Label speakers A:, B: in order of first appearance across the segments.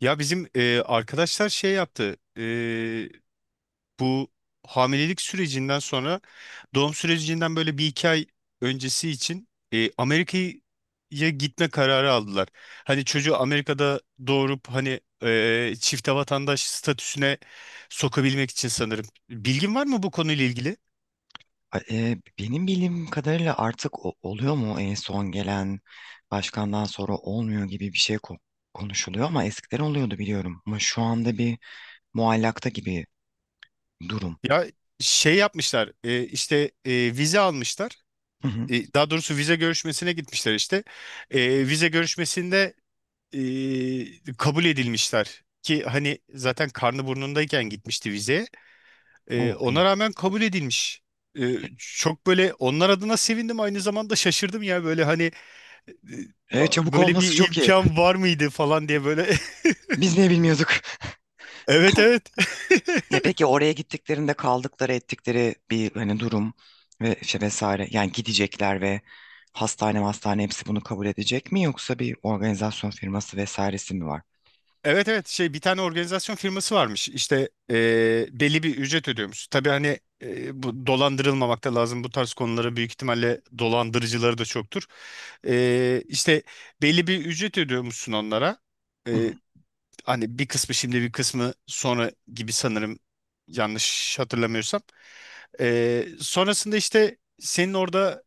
A: Ya bizim arkadaşlar şey yaptı. Bu hamilelik sürecinden sonra doğum sürecinden böyle bir iki ay öncesi için Amerika'ya gitme kararı aldılar. Hani çocuğu Amerika'da doğurup hani çifte vatandaş statüsüne sokabilmek için sanırım. Bilgin var mı bu konuyla ilgili?
B: Benim bildiğim kadarıyla artık oluyor mu? En son gelen başkandan sonra olmuyor gibi bir şey konuşuluyor, ama eskiden oluyordu biliyorum. Ama şu anda bir muallakta gibi durum.
A: Ya şey yapmışlar, işte e, vize almışlar.
B: Hı hı.
A: Daha doğrusu vize görüşmesine gitmişler işte. Vize görüşmesinde kabul edilmişler ki hani zaten karnı burnundayken gitmişti vize.
B: O
A: Ona
B: iyi.
A: rağmen kabul edilmiş. Çok böyle onlar adına sevindim, aynı zamanda şaşırdım ya böyle hani e,
B: Çabuk
A: böyle
B: olması
A: bir
B: çok iyi.
A: imkan var mıydı falan diye böyle.
B: Biz niye bilmiyorduk?
A: Evet, evet.
B: Ya peki oraya gittiklerinde kaldıkları ettikleri bir hani durum ve şey vesaire, yani gidecekler ve hastane hastane hepsi bunu kabul edecek mi, yoksa bir organizasyon firması vesairesi mi var?
A: Evet, evet, şey bir tane organizasyon firması varmış işte, belli bir ücret ödüyormuş. Tabii hani bu dolandırılmamak da lazım, bu tarz konulara büyük ihtimalle dolandırıcıları da çoktur. İşte belli bir ücret ödüyormuşsun onlara.
B: Hı hı,
A: Eee, hani bir kısmı şimdi bir kısmı sonra gibi sanırım, yanlış hatırlamıyorsam. Sonrasında işte senin orada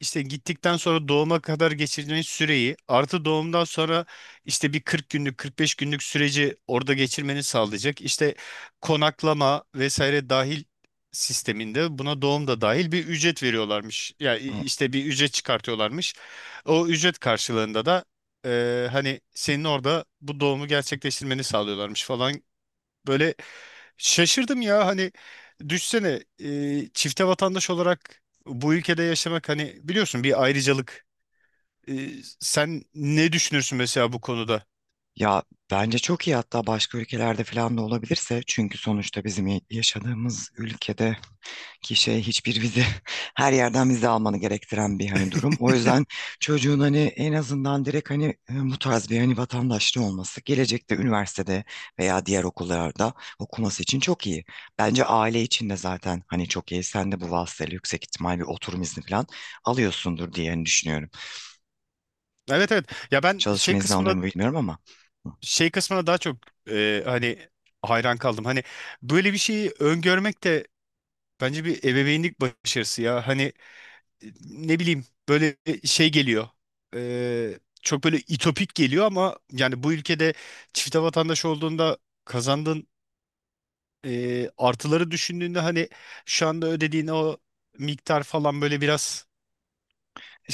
A: işte gittikten sonra doğuma kadar geçirdiğin süreyi, artı doğumdan sonra işte bir 40 günlük 45 günlük süreci orada geçirmeni sağlayacak. İşte konaklama vesaire dahil sisteminde, buna doğum da dahil, bir ücret veriyorlarmış. Yani
B: hı.
A: işte bir ücret çıkartıyorlarmış. O ücret karşılığında da hani senin orada bu doğumu gerçekleştirmeni sağlıyorlarmış falan. Böyle. Şaşırdım ya hani, düşsene, çifte vatandaş olarak bu ülkede yaşamak, hani biliyorsun, bir ayrıcalık. E, Sen ne düşünürsün mesela bu konuda?
B: Ya bence çok iyi, hatta başka ülkelerde falan da olabilirse, çünkü sonuçta bizim yaşadığımız ülkede ki şey hiçbir vize her yerden vize almanı gerektiren bir hani durum. O yüzden çocuğun hani en azından direkt hani bu tarz bir hani vatandaşlığı olması gelecekte üniversitede veya diğer okullarda okuması için çok iyi. Bence aile için de zaten hani çok iyi. Sen de bu vasıtayla yüksek ihtimal bir oturum izni falan alıyorsundur diye hani düşünüyorum.
A: Evet, evet, ya ben şey
B: Çalışma izni alıyor
A: kısmına,
B: mu bilmiyorum ama.
A: şey kısmına daha çok hani hayran kaldım. Hani böyle bir şeyi öngörmek de bence bir ebeveynlik başarısı ya. Hani ne bileyim, böyle şey geliyor. Çok böyle itopik geliyor ama, yani bu ülkede çifte vatandaş olduğunda kazandığın artıları düşündüğünde, hani şu anda ödediğin o miktar falan böyle biraz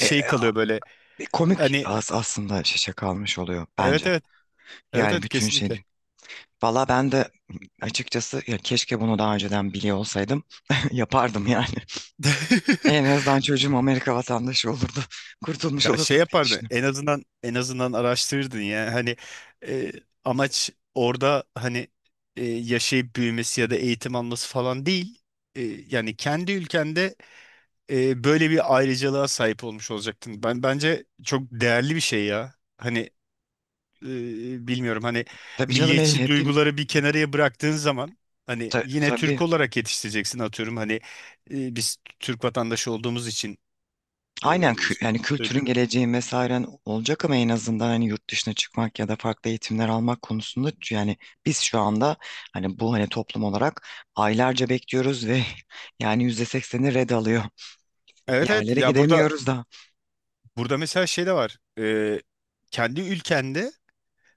B: E, e,
A: kalıyor böyle.
B: Bir komik
A: Hani
B: aslında şaşa kalmış oluyor
A: evet,
B: bence.
A: evet, evet,
B: Yani
A: evet,
B: bütün
A: kesinlikle.
B: şey. Valla ben de açıkçası ya keşke bunu daha önceden biliyor olsaydım yapardım yani. En azından çocuğum Amerika vatandaşı olurdu. Kurtulmuş
A: Ya şey
B: olurduk diye
A: yapardın,
B: düşünüyorum.
A: en azından, en azından araştırırdın ya hani e, amaç orada hani yaşayıp büyümesi ya da eğitim alması falan değil. Yani kendi ülkende böyle bir ayrıcalığa sahip olmuş olacaktın. Ben, bence çok değerli bir şey ya. Hani bilmiyorum hani,
B: Tabii canım el
A: milliyetçi
B: hepim
A: duyguları bir kenarıya bıraktığın zaman hani yine
B: tabii,
A: Türk olarak yetiştireceksin atıyorum, hani biz Türk vatandaşı olduğumuz için e,
B: aynen, yani kültürün,
A: söylüyorum.
B: geleceğin, vesairen olacak ama en azından hani yurt dışına çıkmak ya da farklı eğitimler almak konusunda yani biz şu anda hani bu hani toplum olarak aylarca bekliyoruz ve yani %80'i red alıyor.
A: Evet, evet
B: Yerlere
A: ya,
B: gidemiyoruz da.
A: burada mesela şey de var. Kendi ülkende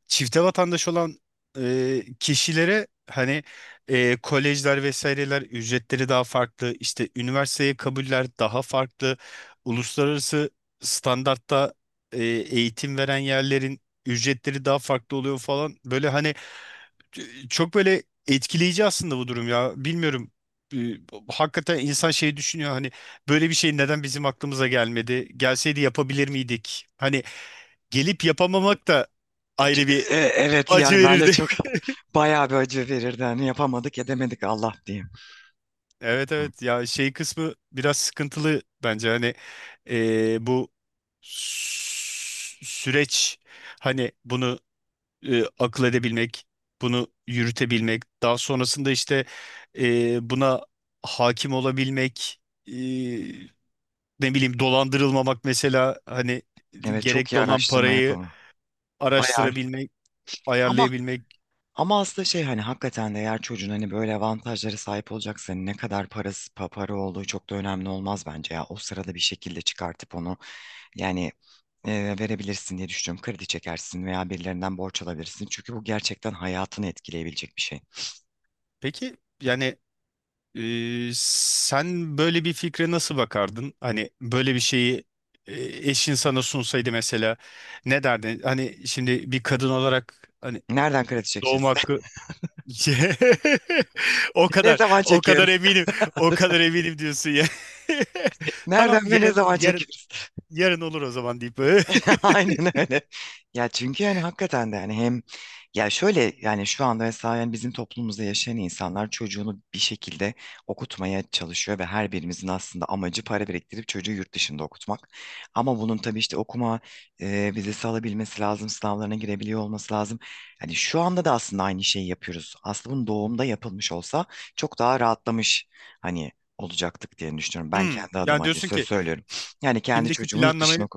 A: çifte vatandaş olan kişilere hani kolejler vesaireler ücretleri daha farklı, işte üniversiteye kabuller daha farklı, uluslararası standartta eğitim veren yerlerin ücretleri daha farklı oluyor falan, böyle hani e, çok böyle etkileyici aslında bu durum ya, bilmiyorum. E, Hakikaten insan şey düşünüyor hani, böyle bir şey neden bizim aklımıza gelmedi, gelseydi yapabilir miydik, hani gelip yapamamak da
B: C-
A: ayrı bir
B: Evet,
A: acı
B: yani ben de
A: verirdi.
B: çok bayağı bir acı verirdi. Hani yapamadık edemedik Allah diyeyim.
A: Evet,
B: Hı.
A: evet ya, şey kısmı biraz sıkıntılı bence hani, bu süreç, hani bunu akıl edebilmek, bunu yürütebilmek, daha sonrasında işte buna hakim olabilmek, e, ne bileyim dolandırılmamak mesela, hani
B: Evet, çok
A: gerekli
B: iyi
A: olan
B: araştırma
A: parayı
B: yapalım. Ayar.
A: araştırabilmek,
B: Ama
A: ayarlayabilmek.
B: ama aslında şey, hani hakikaten de eğer çocuğun hani böyle avantajlara sahip olacaksa hani ne kadar parası para olduğu çok da önemli olmaz bence ya. O sırada bir şekilde çıkartıp onu yani verebilirsin diye düşünüyorum. Kredi çekersin veya birilerinden borç alabilirsin. Çünkü bu gerçekten hayatını etkileyebilecek bir şey.
A: Peki yani, sen böyle bir fikre nasıl bakardın? Hani böyle bir şeyi e, eşin sana sunsaydı mesela, ne derdin? Hani şimdi bir kadın olarak hani
B: Nereden kredi
A: doğum
B: çekeceğiz?
A: hakkı. O
B: Ne
A: kadar,
B: zaman
A: o kadar
B: çekiyoruz?
A: eminim, o kadar eminim diyorsun ya. Tamam,
B: Nereden ve ne
A: yarın,
B: zaman
A: yarın,
B: çekiyoruz?
A: yarın olur o zaman deyip. böyle.
B: Aynen öyle. Ya çünkü yani hakikaten de yani hem ya şöyle, yani şu anda mesela yani bizim toplumumuzda yaşayan insanlar çocuğunu bir şekilde okutmaya çalışıyor ve her birimizin aslında amacı para biriktirip çocuğu yurt dışında okutmak. Ama bunun tabii işte okuma vizesi alabilmesi lazım, sınavlarına girebiliyor olması lazım. Hani şu anda da aslında aynı şeyi yapıyoruz. Aslında bunun doğumda yapılmış olsa çok daha rahatlamış hani olacaktık diye düşünüyorum. Ben kendi adıma
A: Yani
B: hani
A: diyorsun
B: söz
A: ki
B: söylüyorum. Yani kendi
A: şimdiki
B: çocuğumu yurt
A: planlamayı.
B: dışına.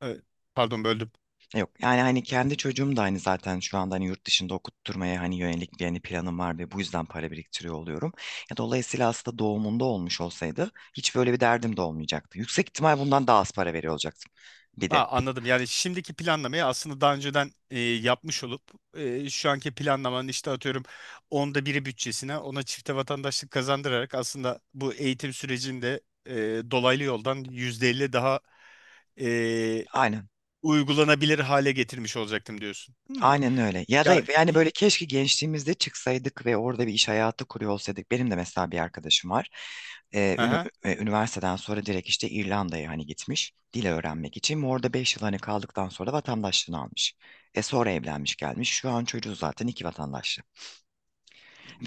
A: Evet, pardon böldüm.
B: Yok yani hani kendi çocuğum da hani zaten şu anda hani yurt dışında okutturmaya hani yönelik bir hani planım var ve bu yüzden para biriktiriyor oluyorum. Ya dolayısıyla aslında doğumunda olmuş olsaydı hiç böyle bir derdim de olmayacaktı. Yüksek ihtimal bundan daha az para veriyor olacaktım bir de.
A: Ha, anladım. Yani şimdiki planlamayı aslında daha önceden yapmış olup şu anki planlamanın işte atıyorum onda biri bütçesine, ona çifte vatandaşlık kazandırarak, aslında bu eğitim sürecinde e, dolaylı yoldan %50 daha e,
B: Aynen.
A: uygulanabilir hale getirmiş olacaktım diyorsun. Hmm.
B: Aynen öyle. Ya da
A: Ya
B: yani böyle
A: iyi.
B: keşke gençliğimizde çıksaydık ve orada bir iş hayatı kuruyor olsaydık. Benim de mesela bir arkadaşım var.
A: Aha.
B: Üniversiteden sonra direkt işte İrlanda'ya hani gitmiş dil öğrenmek için. Ve orada 5 yıl hani kaldıktan sonra vatandaşlığını almış. E sonra evlenmiş gelmiş. Şu an çocuğu zaten iki vatandaşlı.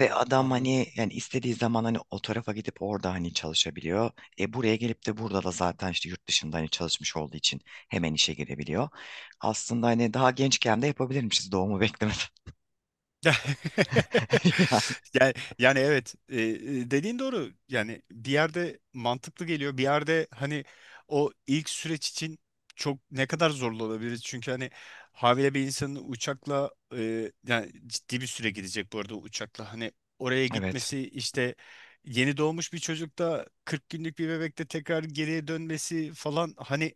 B: Ve adam
A: Anladım.
B: hani yani istediği zaman hani o tarafa gidip orada hani çalışabiliyor. E buraya gelip de burada da zaten işte yurt dışında hani çalışmış olduğu için hemen işe girebiliyor. Aslında hani daha gençken de yapabilirmişiz doğumu beklemeden. Yani,
A: Yani, evet, dediğin doğru yani, bir yerde mantıklı geliyor, bir yerde hani o ilk süreç için çok ne kadar zorlu olabilir, çünkü hani havale bir insanın uçakla, yani ciddi bir süre gidecek bu arada uçakla, hani oraya
B: evet.
A: gitmesi işte, yeni doğmuş bir çocukta, 40 günlük bir bebekte tekrar geriye dönmesi falan, hani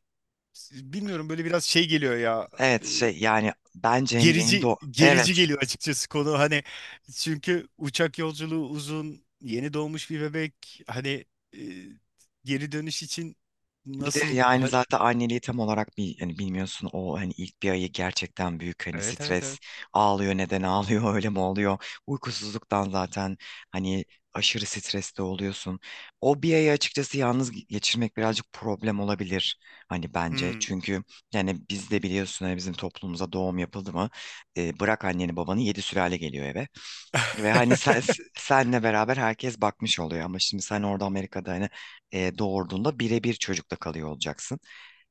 A: bilmiyorum, böyle biraz şey geliyor ya,
B: Evet şey yani bence hani yeni
A: gerici
B: doğ evet
A: gerici geliyor açıkçası konu hani, çünkü uçak yolculuğu uzun, yeni doğmuş bir bebek hani e, geri dönüş için
B: bir de
A: nasıl
B: yani zaten anneliği tam olarak bir hani bilmiyorsun, o hani ilk bir ayı gerçekten büyük hani
A: evet, evet,
B: stres,
A: evet.
B: ağlıyor, neden ağlıyor öyle mi oluyor, uykusuzluktan zaten hani aşırı streste oluyorsun. O bir ayı açıkçası yalnız geçirmek birazcık problem olabilir hani bence
A: Hmm.
B: çünkü yani biz de biliyorsun hani bizim toplumumuza doğum yapıldı mı bırak anneni babanı, yedi sülale geliyor eve. Ve hani sen, senle beraber herkes bakmış oluyor, ama şimdi sen orada Amerika'da hani doğurduğunda birebir çocukla kalıyor olacaksın.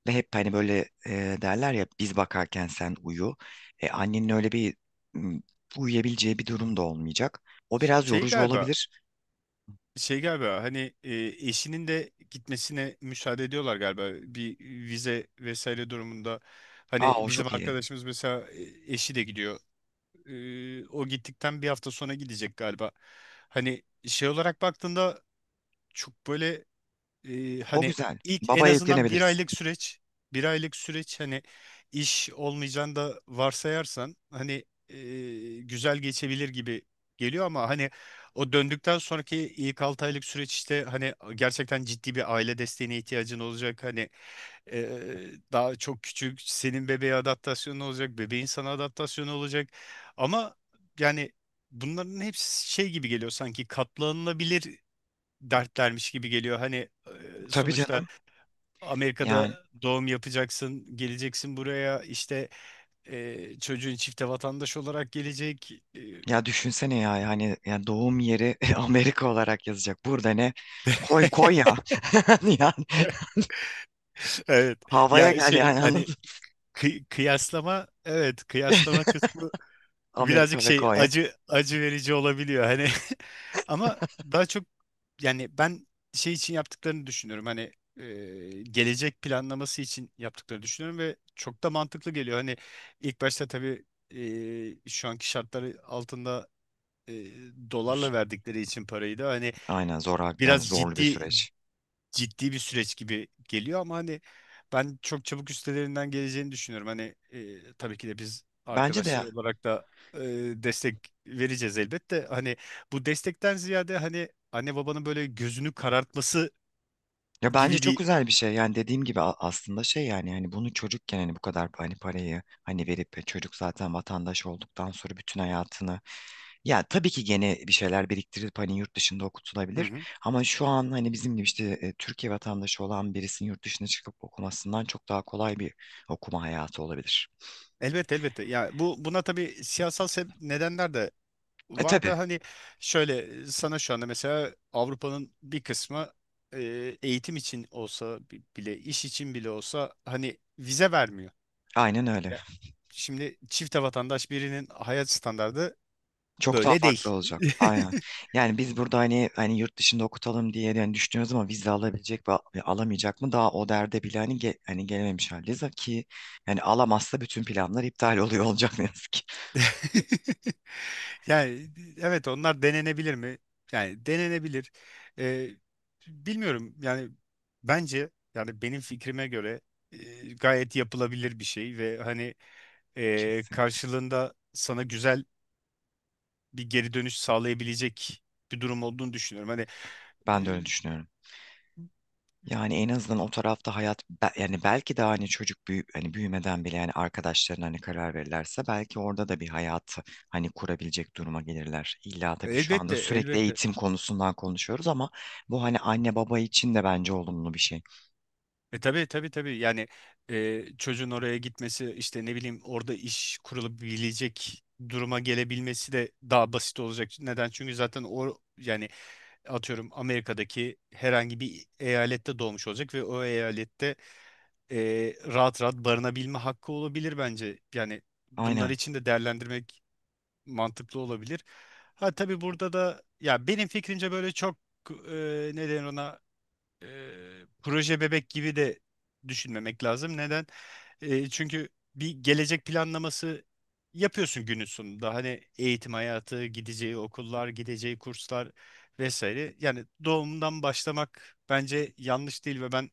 B: Ve hep hani böyle derler ya biz bakarken sen uyu. Annenin öyle bir m, uyuyabileceği bir durum da olmayacak. O biraz
A: Şey
B: yorucu
A: galiba,
B: olabilir.
A: şey galiba hani eşinin de gitmesine müsaade ediyorlar galiba bir vize vesaire durumunda,
B: Aa,
A: hani
B: o
A: bizim
B: çok iyi.
A: arkadaşımız mesela, eşi de gidiyor. O gittikten bir hafta sonra gidecek galiba, hani şey olarak baktığında çok böyle
B: O
A: hani
B: güzel.
A: ilk, en
B: Babaya
A: azından bir
B: yüklenebiliriz.
A: aylık süreç, bir aylık süreç, hani iş olmayacağını da varsayarsan hani güzel geçebilir gibi geliyor, ama hani o döndükten sonraki ilk 6 aylık süreç, işte hani gerçekten ciddi bir aile desteğine ihtiyacın olacak, hani e, daha çok küçük, senin bebeğe adaptasyonu olacak, bebeğin sana adaptasyonu olacak, ama yani bunların hepsi şey gibi geliyor, sanki katlanılabilir dertlermiş gibi geliyor. Hani
B: Tabii
A: sonuçta
B: canım. Yani
A: Amerika'da doğum yapacaksın, geleceksin buraya, işte çocuğun çifte vatandaş olarak gelecek. E,
B: ya düşünsene ya, yani ya doğum yeri Amerika olarak yazacak. Burada ne? Koy koy ya. Yani
A: evet.
B: havaya
A: Ya
B: gel
A: şey
B: yani
A: hani,
B: anladın.
A: kıyaslama, evet, kıyaslama kısmı birazcık
B: Amerika ve
A: şey,
B: Konya.
A: acı, acı verici olabiliyor hani, ama daha çok yani ben şey için yaptıklarını düşünüyorum hani, e, gelecek planlaması için yaptıklarını düşünüyorum ve çok da mantıklı geliyor, hani ilk başta tabii şu anki şartları altında e,
B: Z-
A: dolarla verdikleri için parayı da hani
B: Aynen, zor yani,
A: biraz
B: zorlu bir
A: ciddi,
B: süreç.
A: ciddi bir süreç gibi geliyor, ama hani ben çok çabuk üstelerinden geleceğini düşünüyorum. Hani tabii ki de biz
B: Bence de
A: arkadaşlar
B: ya,
A: olarak da e, destek vereceğiz elbette. Hani bu destekten ziyade hani anne babanın böyle gözünü karartması
B: ya bence
A: gibi
B: çok
A: bir.
B: güzel bir şey. Yani dediğim gibi aslında şey yani hani bunu çocukken hani bu kadar hani parayı hani verip çocuk zaten vatandaş olduktan sonra bütün hayatını ya tabii ki gene bir şeyler biriktirip hani yurt dışında
A: Hı
B: okutulabilir,
A: hı.
B: ama şu an hani bizim gibi işte Türkiye vatandaşı olan birisinin yurt dışına çıkıp okumasından çok daha kolay bir okuma hayatı olabilir.
A: Elbette, elbette. Ya bu, tabii siyasal nedenler de
B: E
A: var
B: tabii,
A: da, hani şöyle sana şu anda mesela Avrupa'nın bir kısmı eğitim için olsa bile, iş için bile olsa hani vize vermiyor.
B: aynen öyle.
A: Ya, şimdi çifte vatandaş birinin hayat standardı
B: Çok daha
A: böyle
B: farklı
A: değil.
B: olacak. Aynen. Yani biz burada hani hani yurt dışında okutalım diye yani düşünüyoruz, ama vize alabilecek mi, alamayacak mı, daha o derde bile hani hani gelememiş haldeyiz ki yani alamazsa bütün planlar iptal oluyor olacak, ne yazık ki.
A: Yani evet, onlar denenebilir mi? Yani denenebilir. Ee, bilmiyorum yani, bence yani benim fikrime göre gayet yapılabilir bir şey ve hani
B: Kesinlikle.
A: karşılığında sana güzel bir geri dönüş sağlayabilecek bir durum olduğunu düşünüyorum. Hani
B: Ben de öyle düşünüyorum. Yani en azından o tarafta hayat yani belki de hani çocuk büyü hani büyümeden bile yani arkadaşlarına hani karar verirlerse belki orada da bir hayat hani kurabilecek duruma gelirler. İlla tabii şu anda
A: elbette,
B: sürekli
A: elbette.
B: eğitim konusundan konuşuyoruz, ama bu hani anne baba için de bence olumlu bir şey.
A: Tabii, tabii, tabii yani, çocuğun oraya gitmesi işte, ne bileyim orada iş kurulabilecek duruma gelebilmesi de daha basit olacak. Neden? Çünkü zaten o, yani atıyorum, Amerika'daki herhangi bir eyalette doğmuş olacak ve o eyalette e, rahat rahat barınabilme hakkı olabilir bence. Yani bunlar
B: Aynen.
A: için de değerlendirmek mantıklı olabilir. Ha, tabii burada da ya benim fikrimce böyle çok e, ne denir ona, e, proje bebek gibi de düşünmemek lazım. Neden? Çünkü bir gelecek planlaması yapıyorsun günün sonunda. Hani eğitim hayatı, gideceği okullar, gideceği kurslar vesaire. Yani doğumdan başlamak bence yanlış değil ve ben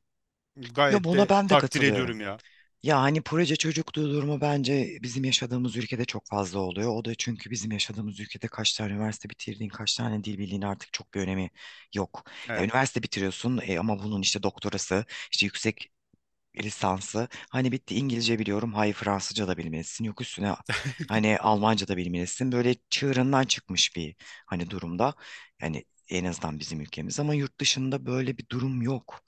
B: Ya
A: gayet
B: buna
A: de
B: ben de
A: takdir
B: katılıyorum.
A: ediyorum ya.
B: Ya hani proje çocukluğu durumu bence bizim yaşadığımız ülkede çok fazla oluyor. O da çünkü bizim yaşadığımız ülkede kaç tane üniversite bitirdiğin, kaç tane dil bildiğin artık çok bir önemi yok. Ya
A: Evet.
B: üniversite bitiriyorsun, ama bunun işte doktorası, işte yüksek lisansı. Hani bitti, İngilizce biliyorum, hayır Fransızca da bilmelisin. Yok üstüne hani Almanca da bilmelisin. Böyle çığırından çıkmış bir hani durumda. Yani en azından bizim ülkemiz, ama yurt dışında böyle bir durum yok.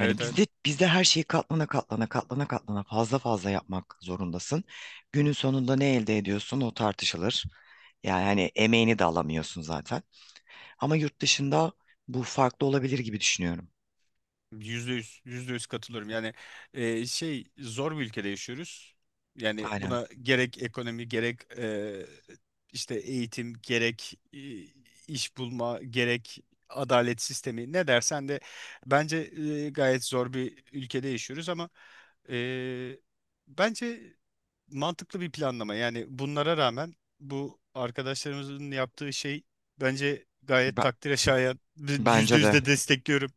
B: Yani
A: evet.
B: bizde bizde her şeyi katlana katlana katlana katlana fazla fazla yapmak zorundasın. Günün sonunda ne elde ediyorsun o tartışılır. Yani hani emeğini de alamıyorsun zaten. Ama yurt dışında bu farklı olabilir gibi düşünüyorum.
A: Yüzde yüz, yüzde yüz katılıyorum. Yani şey, zor bir ülkede yaşıyoruz. Yani
B: Aynen.
A: buna gerek ekonomi, gerek işte eğitim, gerek iş bulma, gerek adalet sistemi, ne dersen de bence gayet zor bir ülkede yaşıyoruz, ama e, bence mantıklı bir planlama. Yani bunlara rağmen bu arkadaşlarımızın yaptığı şey bence gayet
B: Be-
A: takdire şayan. Yüzde
B: Bence de.
A: yüzde destekliyorum.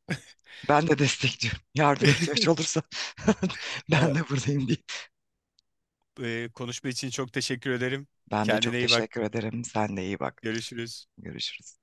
B: Ben de destekliyorum. Yardıma ihtiyaç olursa ben de buradayım diye.
A: Konuşma için çok teşekkür ederim.
B: Ben de
A: Kendine
B: çok
A: iyi bak.
B: teşekkür ederim. Sen de iyi bak.
A: Görüşürüz.
B: Görüşürüz.